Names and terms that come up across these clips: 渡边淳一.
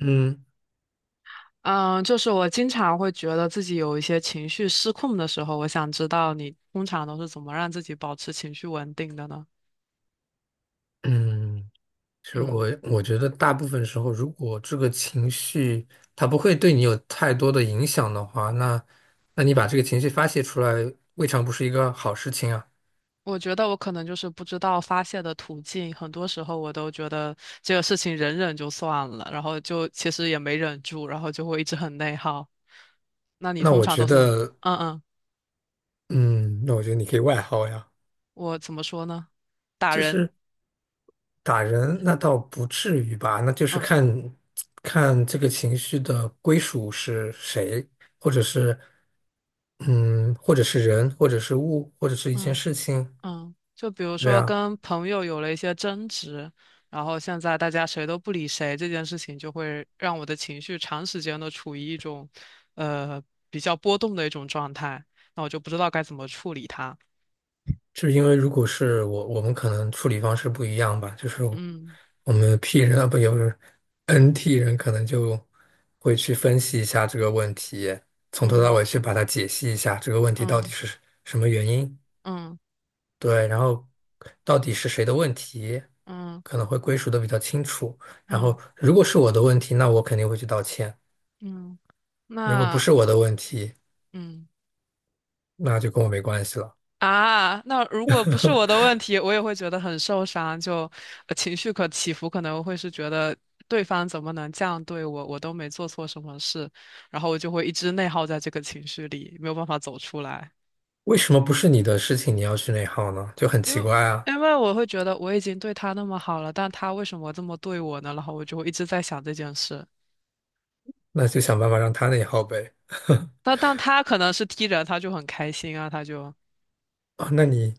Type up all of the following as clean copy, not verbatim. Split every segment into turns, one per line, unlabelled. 嗯
嗯，就是我经常会觉得自己有一些情绪失控的时候，我想知道你通常都是怎么让自己保持情绪稳定的呢？
嗯，其实
嗯，
我觉得大部分时候，如果这个情绪它不会对你有太多的影响的话，那你把这个情绪发泄出来，未尝不是一个好事情啊。
我觉得我可能就是不知道发泄的途径，很多时候我都觉得这个事情忍忍就算了，然后就其实也没忍住，然后就会一直很内耗。那你
那
通
我
常
觉
都是，
得，
嗯嗯，
嗯，那我觉得你可以外耗呀，
我怎么说呢？打
就
人，
是打人，那倒不至于吧，那就是
嗯
看看这个情绪的归属是谁，或者是嗯，或者是人，或者是物，或者是一件
嗯。
事情，
嗯，就比如
对
说
啊。
跟朋友有了一些争执，然后现在大家谁都不理谁，这件事情就会让我的情绪长时间的处于一种，呃，比较波动的一种状态，那我就不知道该怎么处理它。
就是因为如果是我，我们可能处理方式不一样吧，就是
嗯
我们 P 人啊，不，有 NT 人可能就会去分析一下这个问题，从头到
嗯
尾去把它解析一下，这个问题到底
嗯
是什么原因，
嗯
对，然后到底是谁的问题，
嗯
可能会归属的比较清楚。然
嗯
后如果是我的问题，那我肯定会去道歉；
嗯，
如果不
那
是我的问题，
嗯。
那就跟我没关系了。
啊，那如果不是我的问题，我也会觉得很受伤，就情绪可起伏，可能会是觉得对方怎么能这样对我，我都没做错什么事，然后我就会一直内耗在这个情绪里，没有办法走出来，
为什么不是你的事情你要去内耗呢？就很
因
奇
为
怪啊。
因为我会觉得我已经对他那么好了，但他为什么这么对我呢？然后我就会一直在想这件事。
那就想办法让他那耗呗。
但他可能是 T 人，他就很开心啊，他就
啊，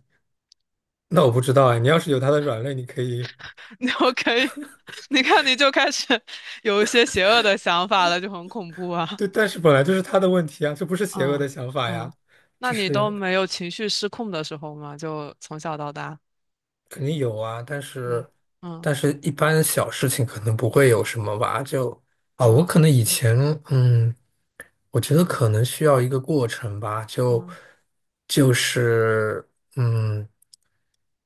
那我不知道哎，你要是有他的软肋，你可以
你我可以，你看你就开始有一些邪恶的想法了，就很恐怖啊。
对，但是本来就是他的问题啊，这不是邪恶
嗯
的想法呀，
嗯，那
就
你都
是
没有情绪失控的时候吗？就从小到大，
肯定有啊，但是
嗯嗯
但是一般小事情可能不会有什么吧，就啊，我
嗯
可能以前嗯，我觉得可能需要一个过程吧，
嗯
就是嗯。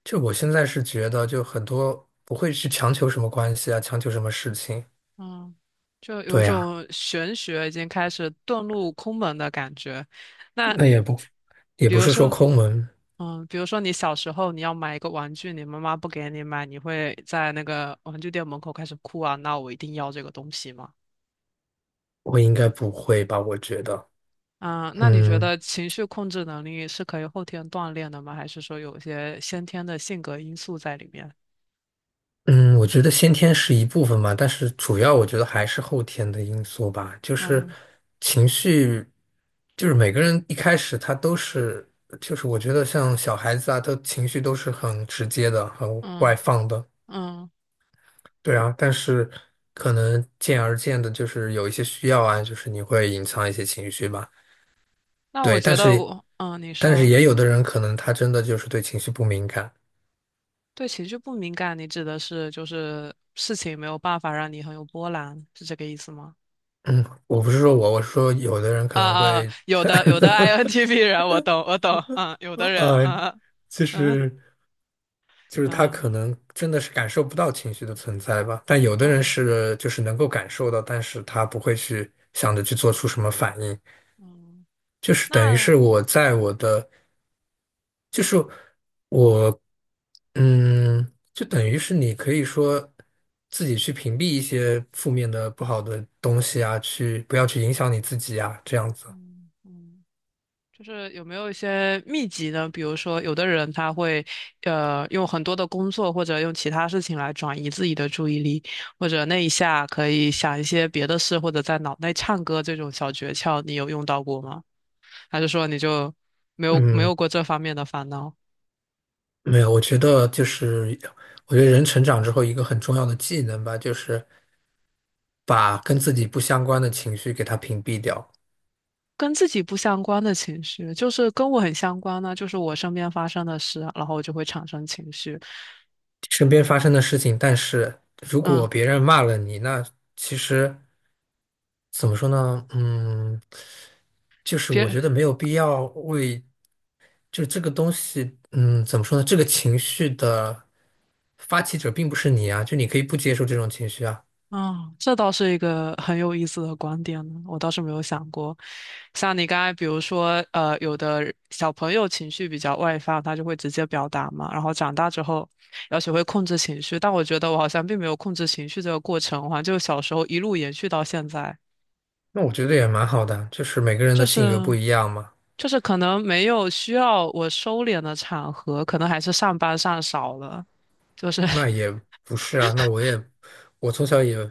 就我现在是觉得，就很多不会去强求什么关系啊，强求什么事情。
嗯，就有一
对呀。
种玄学已经开始遁入空门的感觉。那
也
比
不
如
是说
说，
抠门，
嗯，比如说你小时候你要买一个玩具，你妈妈不给你买，你会在那个玩具店门口开始哭啊，那我一定要这个东西吗？
我应该不会吧？
嗯，那你觉
嗯
得情绪控制能力是可以后天锻炼的吗？还是说有一些先天的性格因素在里面？
嗯，我觉得先天是一部分吧，但是主要我觉得还是后天的因素吧，就是
嗯
情绪，就是每个人一开始他都是，就是我觉得像小孩子啊，他情绪都是很直接的，很外
嗯
放的，
嗯，
对啊，但是可能渐而渐的，就是有一些需要啊，就是你会隐藏一些情绪吧，
那我
对，但
觉得
是
我，嗯，你
但是
说
也有的人可能他真的就是对情绪不敏感。
对情绪不敏感，你指的是就是事情没有办法让你很有波澜，是这个意思吗？
我不是说我，我是说有的人可
啊
能
啊，
会，
有的有的 INTP 人，我懂我懂，嗯，有的人，
呃，
啊
其
嗯
实就是他
嗯
可能真的是感受不到情绪的存在吧，但有的人
嗯
是就是能够感受到，但是他不会去想着去做出什么反应，
嗯，
就是等于
那
是我在我的。就是我，就等于是你可以说自己去屏蔽一些负面的、不好的东西啊，去不要去影响你自己啊，这样子。
嗯嗯。就是有没有一些秘籍呢？比如说，有的人他会，用很多的工作或者用其他事情来转移自己的注意力，或者那一下可以想一些别的事，或者在脑内唱歌这种小诀窍，你有用到过吗？还是说你就没有没
嗯。
有过这方面的烦恼？
没有，我觉得人成长之后一个很重要的技能吧，就是把跟自己不相关的情绪给它屏蔽掉。
跟自己不相关的情绪，就是跟我很相关呢，就是我身边发生的事，然后我就会产生情绪。
身边发生的事情，但是如
嗯，
果别人骂了你，那其实怎么说呢？嗯，就是我
别
觉得没有必要为就这个东西，怎么说呢？这个情绪的发起者并不是你啊，就你可以不接受这种情绪啊。
啊，这倒是一个很有意思的观点呢，我倒是没有想过。像你刚才，比如说，有的小朋友情绪比较外放，他就会直接表达嘛，然后长大之后要学会控制情绪。但我觉得我好像并没有控制情绪这个过程，好像就小时候一路延续到现在，
那我觉得也蛮好的，就是每个人
就
的性格不
是
一样嘛。
就是可能没有需要我收敛的场合，可能还是上班上少了，就是
那也 不是啊，那我也，我从小也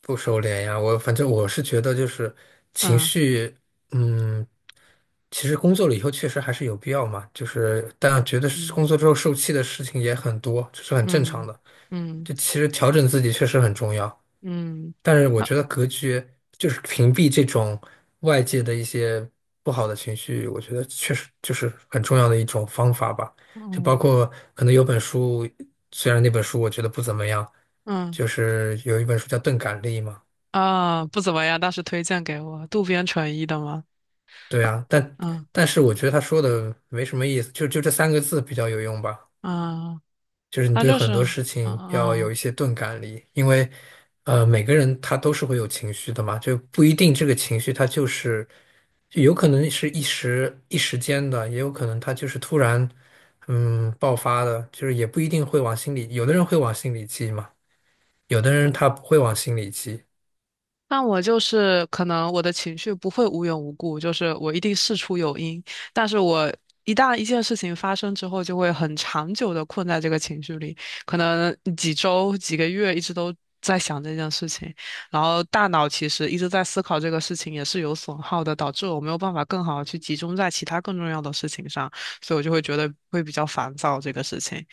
不收敛呀。我反正我是觉得，就是情
嗯
绪，嗯，其实工作了以后确实还是有必要嘛。就是，但觉得是
嗯
工作之后受气的事情也很多，这是很正常
嗯
的。
嗯
就其实调整自己确实很重要。
嗯，
但是我
那
觉得格局就是屏蔽这种外界的一些不好的情绪，我觉得确实就是很重要的一种方法吧。就包
嗯。
括可能有本书，虽然那本书我觉得不怎么样，
嗯
就是有一本书叫《钝感力》嘛，
啊，不怎么样，但是推荐给我渡边淳一的吗？
对啊，但
嗯
但是我觉得他说的没什么意思，就这三个字比较有用吧。
嗯，
就是你
他
对
就
很
是
多
嗯
事情要有
嗯
一些钝感力，因为，每个人他都是会有情绪的嘛，就不一定这个情绪他就是，就有可能是一时间的，也有可能他就是突然，爆发的，就是也不一定会往心里，有的人会往心里记嘛，有的人他不会往心里记，
那我就是可能我的情绪不会无缘无故，就是我一定事出有因，但是我一旦一件事情发生之后，就会很长久的困在这个情绪里，可能几周、几个月一直都在想这件事情，然后大脑其实一直在思考这个事情也是有损耗的，导致我没有办法更好的去集中在其他更重要的事情上，所以我就会觉得会比较烦躁这个事情，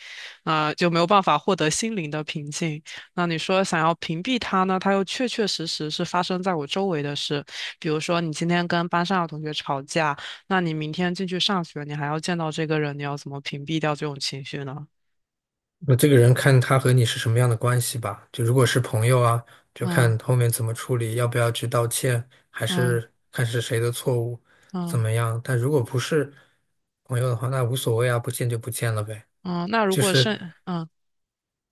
啊、就没有办法获得心灵的平静。那你说想要屏蔽他呢，他又确确实实是发生在我周围的事。比如说，你今天跟班上的同学吵架，那你明天进去上学，你还要见到这个人，你要怎么屏蔽掉这种情绪呢？
那这个人看他和你是什么样的关系吧。就如果是朋友啊，就
嗯
看后面怎么处理，要不要去道歉，还
嗯
是看是谁的错误，怎
嗯
么样。但如果不是朋友的话，那无所谓啊，不见就不见了呗。
嗯，那如
就
果
是
是嗯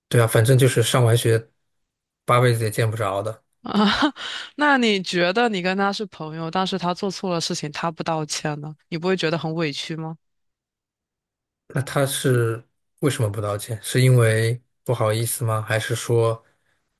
对啊，反正就是上完学八辈子也见不着的。
啊，那你觉得你跟他是朋友，但是他做错了事情，他不道歉呢，你不会觉得很委屈吗？
那他是为什么不道歉？是因为不好意思吗？还是说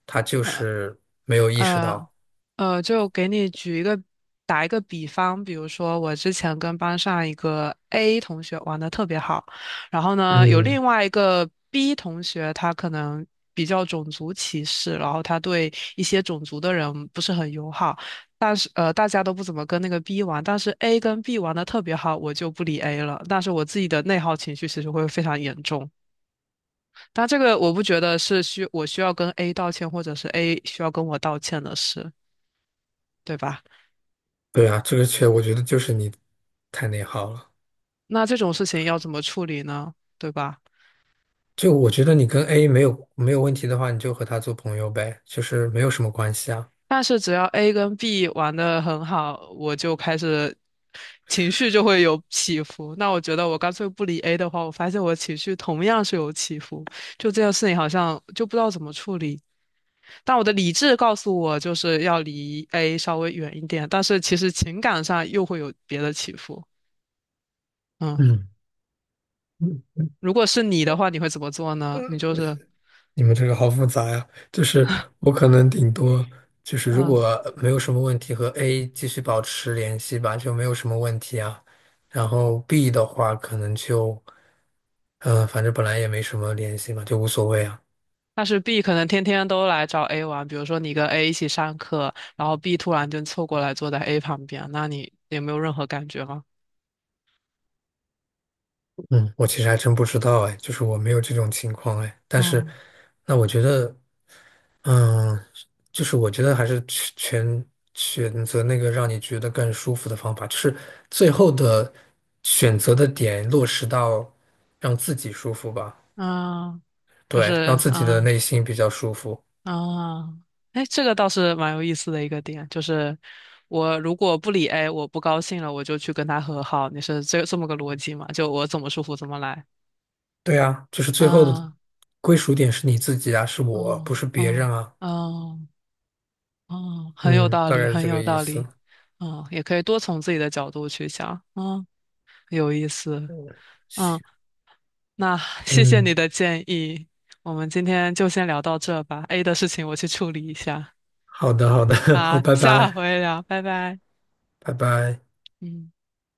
他就
呃
是没有意识
呃
到？
就给你举一个打一个比方，比如说我之前跟班上一个 A 同学玩的特别好，然后呢，有
嗯，
另外一个 B 同学，他可能比较种族歧视，然后他对一些种族的人不是很友好，但是大家都不怎么跟那个 B 玩，但是 A 跟 B 玩的特别好，我就不理 A 了，但是我自己的内耗情绪其实会非常严重。但这个我不觉得是我需要跟 A 道歉，或者是 A 需要跟我道歉的事，对吧？
对啊，这个确我觉得就是你太内耗了。
那这种事情要怎么处理呢？对吧？
就我觉得你跟 A 没有问题的话，你就和他做朋友呗，就是没有什么关系啊。
但是只要 A 跟 B 玩的很好，我就开始情绪就会有起伏。那我觉得我干脆不理 A 的话，我发现我情绪同样是有起伏。就这件事情好像就不知道怎么处理。但我的理智告诉我就是要离 A 稍微远一点，但是其实情感上又会有别的起伏。嗯，
嗯嗯，
如果是你的话，你会怎么做呢？你就是。
你们这个好复杂呀、就是我可能顶多就是如
嗯。
果没有什么问题，和 A 继续保持联系吧，就没有什么问题啊。然后 B 的话，可能就反正本来也没什么联系嘛，就无所谓啊。
但是 B 可能天天都来找 A 玩，比如说你跟 A 一起上课，然后 B 突然就凑过来坐在 A 旁边，那你也没有任何感觉吗？
嗯，我其实还真不知道哎，就是我没有这种情况哎，但是
嗯
那我觉得。嗯，就是我觉得还是全选择那个让你觉得更舒服的方法，就是最后的选择的点落实到让自己舒服吧，
嗯，就
对，让
是
自己的
嗯
内心比较舒服。
嗯，哎，这个倒是蛮有意思的一个点，就是我如果不理 A，我不高兴了，我就去跟他和好，你是这么个逻辑嘛？就我怎么舒服怎么来。
对啊，就是最后的
啊，
归属点是你自己啊，是我，不
嗯
是别人
嗯
啊。
嗯嗯，很有
嗯，
道
大
理，
概是
很
这个
有
意
道
思。
理。嗯，也可以多从自己的角度去想。嗯。有意思。嗯，那 谢谢
嗯，
你的建议，我们今天就先聊到这吧。A 的事情我去处理一下。
好的，好的，好，
啊，
拜
下
拜，
回聊，拜拜。
拜拜。
嗯。